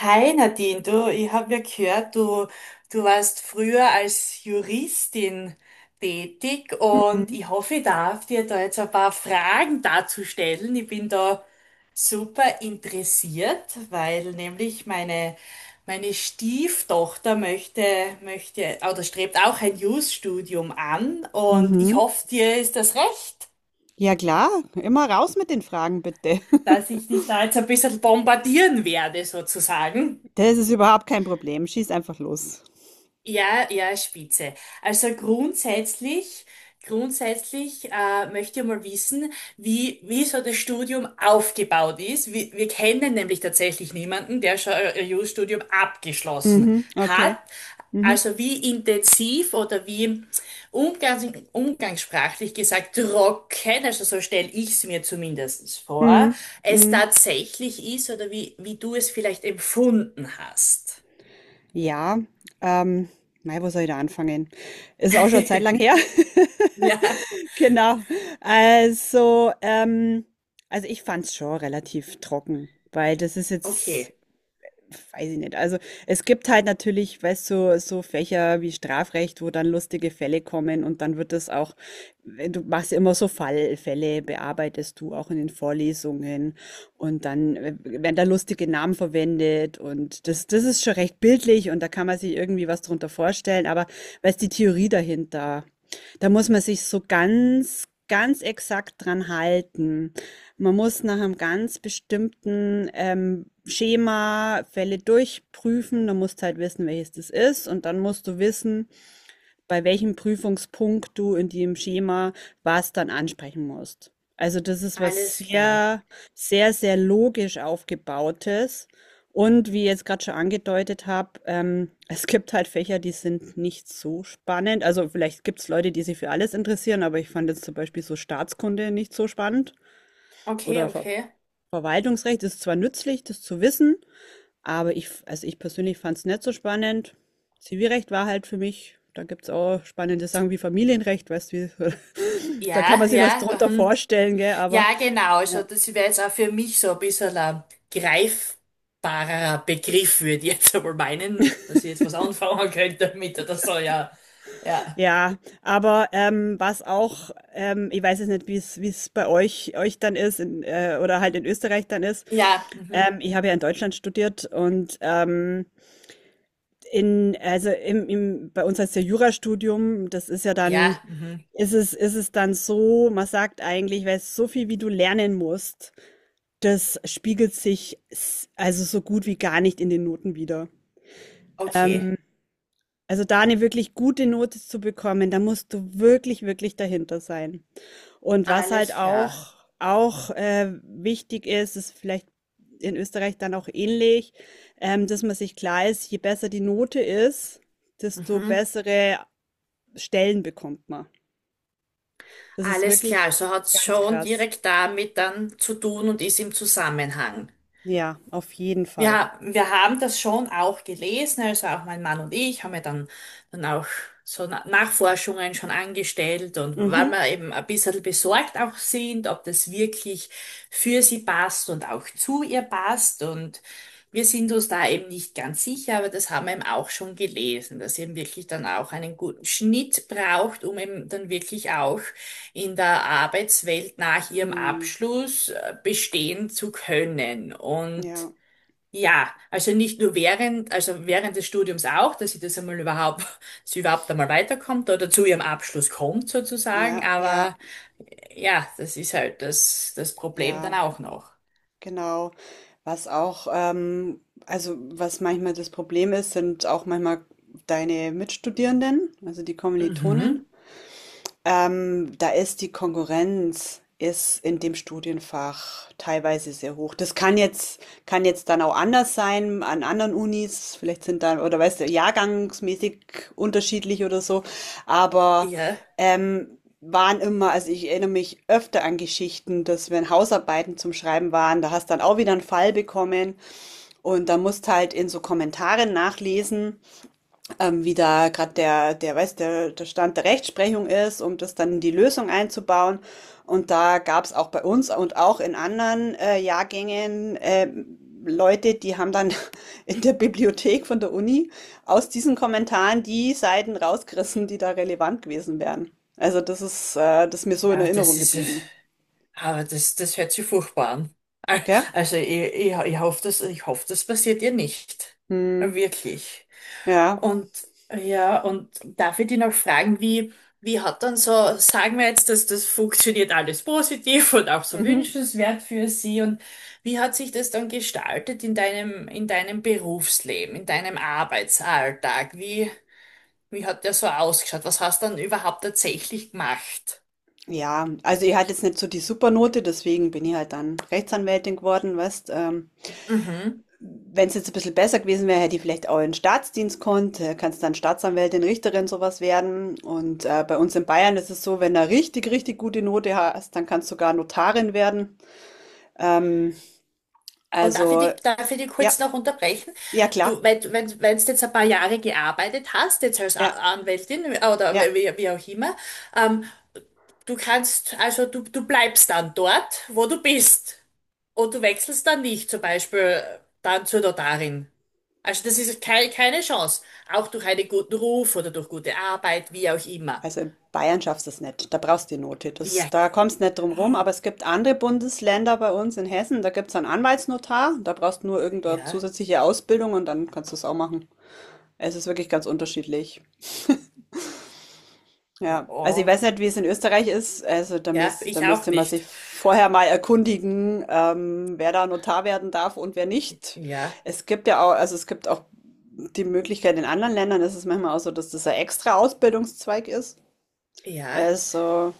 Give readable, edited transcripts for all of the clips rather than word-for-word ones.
Hi Nadine, du, ich habe ja gehört, du warst früher als Juristin tätig und Mhm. ich hoffe, ich darf dir da jetzt ein paar Fragen dazu stellen. Ich bin da super interessiert, weil nämlich meine, meine Stieftochter möchte, möchte oder strebt auch ein Jus-Studium an und ich Mhm. hoffe, dir ist das recht, Ja klar, immer raus mit den Fragen bitte. dass ich dich da jetzt ein bisschen bombardieren werde sozusagen. Das ist überhaupt kein Problem. Schieß einfach los. Ja, ja, Spitze. Also grundsätzlich, möchte ich mal wissen, wie, wie so das Studium aufgebaut ist. Wir kennen nämlich tatsächlich niemanden, der schon ein Jurastudium abgeschlossen Mhm. hat. Okay. Mhm. Also wie intensiv oder wie umgangs umgangssprachlich gesagt trocken, also so stelle ich es mir zumindest vor, Mhm. es Mhm. tatsächlich ist oder wie, wie du es vielleicht empfunden hast. Ja, ähm, mei, wo soll ich da anfangen? Ist auch schon eine Zeit lang her. Ja. Genau. Also, ähm, also ich fand's schon relativ trocken, weil das ist jetzt Okay, weiß ich nicht. Also es gibt halt natürlich, weißt du, so Fächer wie Strafrecht, wo dann lustige Fälle kommen und dann wird das auch, du machst ja immer so Fallfälle, bearbeitest du auch in den Vorlesungen und dann werden da lustige Namen verwendet, und das, das ist schon recht bildlich und da kann man sich irgendwie was drunter vorstellen, aber weißt, die Theorie dahinter, da muss man sich so ganz, ganz exakt dran halten. Man muss nach einem ganz bestimmten, Schema Fälle durchprüfen. Dann musst halt wissen, welches das ist, und dann musst du wissen, bei welchem Prüfungspunkt du in dem Schema was dann ansprechen musst. Also, das ist was alles klar. sehr, sehr, sehr logisch Aufgebautes, und wie ich jetzt gerade schon angedeutet habe, es gibt halt Fächer, die sind nicht so spannend. Also, vielleicht gibt's Leute, die sich für alles interessieren, aber ich fand jetzt zum Beispiel so Staatskunde nicht so spannend Okay, oder v okay. Verwaltungsrecht ist zwar nützlich, das zu wissen, aber ich, also ich persönlich fand es nicht so spannend. Zivilrecht war halt für mich, da gibt es auch spannende Sachen wie Familienrecht, weißt du, wie, da kann Ja, man sich was ja, drunter vorstellen, gell, aber ja, genau. Also ja, das wäre jetzt auch für mich so ein bisschen ein greifbarer Begriff, würde ich jetzt einmal meinen, dass ich jetzt was anfangen könnte damit oder so, ja. Ja. ja aber was auch, ich weiß jetzt nicht, wie es bei euch dann ist in, oder halt in Österreich dann ist. Ja, mhm. Ich habe ja in Deutschland studiert und in, also bei uns heißt ja Jurastudium, das ist ja dann, Ja, mhm. Ist es dann so, man sagt eigentlich, weil so viel wie du lernen musst, das spiegelt sich also so gut wie gar nicht in den Noten wieder. Okay. Ähm, also da eine wirklich gute Note zu bekommen, da musst du wirklich, wirklich dahinter sein. Und was halt Alles klar. auch wichtig ist, ist vielleicht in Österreich dann auch ähnlich, dass man sich klar ist, je besser die Note ist, desto Mhm. bessere Stellen bekommt man. Das ist Alles klar. wirklich Also hat es ganz schon krass. direkt damit dann zu tun und ist im Zusammenhang. Ja, auf jeden Fall. Ja, wir haben das schon auch gelesen, also auch mein Mann und ich haben ja dann, dann auch Nachforschungen schon angestellt und weil Mhm. wir eben ein bisschen besorgt auch sind, ob das wirklich für sie passt und auch zu ihr passt und wir sind uns da eben nicht ganz sicher, aber das haben wir eben auch schon gelesen, dass sie eben wirklich dann auch einen guten Schnitt braucht, um eben dann wirklich auch in der Arbeitswelt nach ihrem Hm. Abschluss bestehen zu können und Ja, ja, also nicht nur während, also während des Studiums auch, dass sie das einmal überhaupt, dass sie überhaupt einmal weiterkommt oder zu ihrem Abschluss kommt sozusagen, ja, ja, aber ja, das ist halt das, das Problem dann ja, auch noch. genau. Was auch, also was manchmal das Problem ist, sind auch manchmal deine Mitstudierenden, also die Kommilitonen. Mhm. Da ist die Konkurrenz ist in dem Studienfach teilweise sehr hoch. Das kann jetzt dann auch anders sein an anderen Unis. Vielleicht sind dann, oder weißt du, jahrgangsmäßig unterschiedlich oder so. Aber Ja, waren immer, also ich erinnere mich öfter an Geschichten, dass wenn Hausarbeiten zum Schreiben waren, da hast dann auch wieder einen Fall bekommen und da musst halt in so Kommentaren nachlesen, wie da gerade der Stand der Rechtsprechung ist, um das dann in die Lösung einzubauen. Und da gab es auch bei uns und auch in anderen Jahrgängen Leute, die haben dann in der Bibliothek von der Uni aus diesen Kommentaren die Seiten rausgerissen, die da relevant gewesen wären. Also das ist mir so in aber das Erinnerung ist, geblieben. aber das, das hört sich furchtbar an. Al- Gell? Also ich, ich hoffe, das passiert ihr nicht. Hm, Wirklich. ja. Und ja, und darf ich dich noch fragen, wie, wie hat dann so, sagen wir jetzt, dass das funktioniert alles positiv und auch so Mhm. wünschenswert für Sie und wie hat sich das dann gestaltet in deinem Berufsleben, in deinem Arbeitsalltag? Wie, wie hat der so ausgeschaut? Was hast du dann überhaupt tatsächlich gemacht? Ja, also ich hatte jetzt nicht so die Supernote, deswegen bin ich halt dann Rechtsanwältin geworden, weißt, Mhm. wenn es jetzt ein bisschen besser gewesen wäre, hätte ich vielleicht auch in den Staatsdienst konnt. Kannst dann Staatsanwältin, Richterin, sowas werden. Und bei uns in Bayern ist es so, wenn du richtig, richtig gute Note hast, dann kannst du sogar Notarin werden. Ähm, Und also, darf ich dich ja, kurz noch unterbrechen? ja, klar. Du, wenn, wenn du jetzt ein paar Jahre gearbeitet hast, jetzt als Ja, Anwältin oder ja. wie, wie auch immer, ähm, du kannst, also du bleibst dann dort, wo du bist. Und du wechselst dann nicht, zum Beispiel dann zur Notarin. Also das ist keine, keine Chance. Auch durch einen guten Ruf oder durch gute Arbeit, wie auch immer. Also in Bayern schaffst du es nicht. Da brauchst du die Note. Das, Wirk. da kommst du nicht drum rum. Aber es gibt andere Bundesländer, bei uns in Hessen, da gibt es einen Anwaltsnotar. Da brauchst du nur irgendeine Ja, zusätzliche Ausbildung und dann kannst du es auch machen. Es ist wirklich ganz unterschiedlich. Ja, also ich oh. weiß nicht, wie es in Österreich ist. Also Ja, da ich auch müsste man sich nicht. vorher mal erkundigen, wer da Notar werden darf und wer nicht. Ja, Es gibt ja auch, also es gibt auch die Möglichkeit, in anderen Ländern ist es manchmal auch so, dass das ein extra Ausbildungszweig ist. ja, Also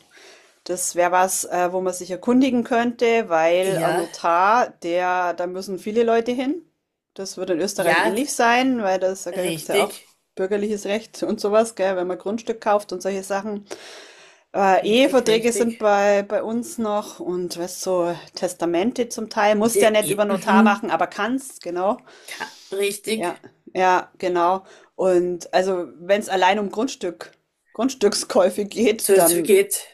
das wäre was, wo man sich erkundigen könnte, weil ein ja, Notar, der, da müssen viele Leute hin. Das wird in Österreich ja, ähnlich sein, weil das, da gibt es ja auch richtig, bürgerliches Recht und sowas, gell, wenn man Grundstück kauft und solche Sachen. Richtig, Eheverträge richtig. sind bei, bei uns noch und weißt so Testamente zum Teil. Musst ja nicht über Die, Notar machen, mhm, aber kannst, genau. Ja, richtig. ja, genau. Und also wenn es allein um Grundstückskäufe geht, So, es dann, geht.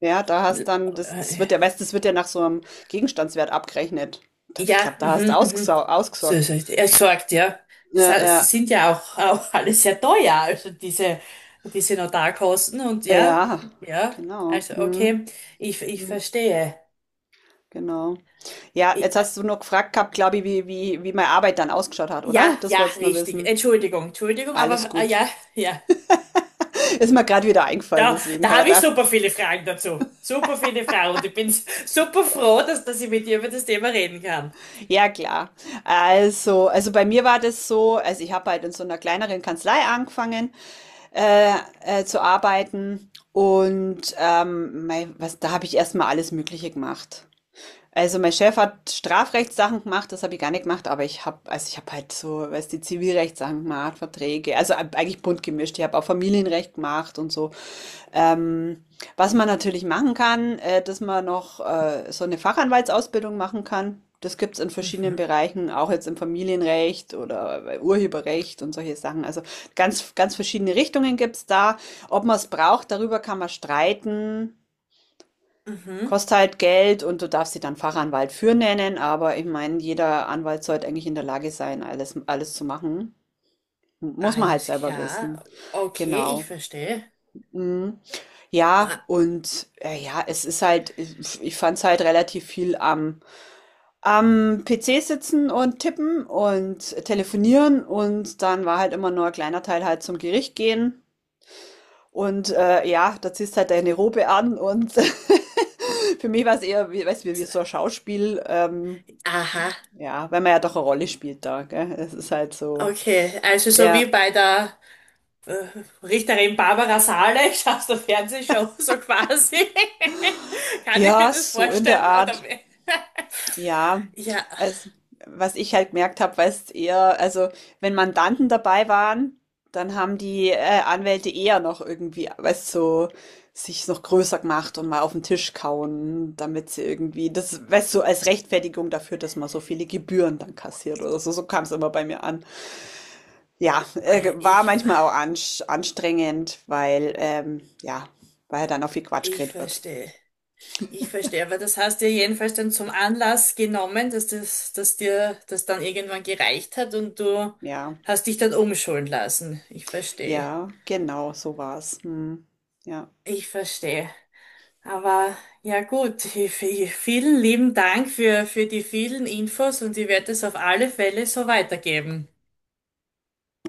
ja, da hast dann, das, das äh, wird ja, weißt, das wird ja nach so einem Gegenstandswert abgerechnet. Ich Ja, glaube, da hast du mhm, mhm. So, ausgesorgt. so, er sagt, ja. Ja, ja, Sind ja auch, auch alle sehr teuer, also diese, diese Notarkosten und ja, ja, ja, genau. also Hm, okay, ich hm, verstehe. genau. Ja, Ich, jetzt hast du noch gefragt gehabt, glaube ich, wie meine Arbeit dann ausgeschaut hat, ja, oder? Das ja, wolltest du nur richtig. wissen. Entschuldigung, Entschuldigung, Alles aber gut. ja, ja. Ist mir gerade wieder eingefallen, Da, deswegen da habe ich habe ich gedacht, super viele Fragen dazu. Super viele Fragen und ich bin super froh, dass, dass ich mit dir über das Thema reden kann. ja klar. Also bei mir war das so, also ich habe halt in so einer kleineren Kanzlei angefangen äh, zu arbeiten und mei, was, da habe ich erstmal alles Mögliche gemacht. Also mein Chef hat Strafrechtssachen gemacht, das habe ich gar nicht gemacht, aber ich habe, also ich habe halt so, weißt du, die Zivilrechtssachen gemacht, Verträge, also eigentlich bunt gemischt. Ich habe auch Familienrecht gemacht und so. Ähm, Was man natürlich machen kann, dass man noch so eine Fachanwaltsausbildung machen kann. Das gibt's in verschiedenen Mhm, Bereichen, auch jetzt im Familienrecht oder bei Urheberrecht und solche Sachen. Also ganz, ganz verschiedene Richtungen gibt's da. Ob man es braucht, darüber kann man streiten. mhm. Kostet halt Geld und du darfst dich dann Fachanwalt für nennen, aber ich meine, jeder Anwalt sollte eigentlich in der Lage sein, alles, alles zu machen. Muss man halt Alles selber wissen. klar. Okay, ich Genau. verstehe. Mhm. Ja, Ah, und ja, es ist halt, ich fand es halt relativ viel am PC sitzen und tippen und telefonieren, und dann war halt immer nur ein kleiner Teil halt zum Gericht gehen. Und ja, da ziehst halt deine Robe an und für mich war es eher, wie, weißt du, wie so. so ein Schauspiel, Aha, ja, weil man ja doch eine Rolle spielt da, gell? Es ist halt so, okay, also so ja, wie bei der äh, Richterin Barbara Salisch aus der Fernsehshow, so quasi. Kann ich mir ja, das so in der vorstellen? Art. Oder wie? Ja, Ja, also, was ich halt gemerkt habe, weißt eher, also, wenn Mandanten dabei waren, dann haben die Anwälte eher noch irgendwie, weißt so, sich noch größer gemacht und mal auf den Tisch kauen, damit sie irgendwie, das, weißt du, so als Rechtfertigung dafür, dass man so viele Gebühren dann kassiert oder so, so kam es immer bei mir an. Ja, oh ja, war ich, manchmal auch ansch anstrengend, weil, ja, weil dann auch viel Quatsch ich geredet wird. verstehe. Ich verstehe, aber das hast du ja jedenfalls dann zum Anlass genommen, dass das, dass dir das dann irgendwann gereicht hat und du Ja, hast dich dann umschulen lassen. Ich verstehe. ja, genau, so war's. Mhm. Ja. Ich verstehe. Aber ja gut, vielen lieben Dank für die vielen Infos und ich werde es auf alle Fälle so weitergeben.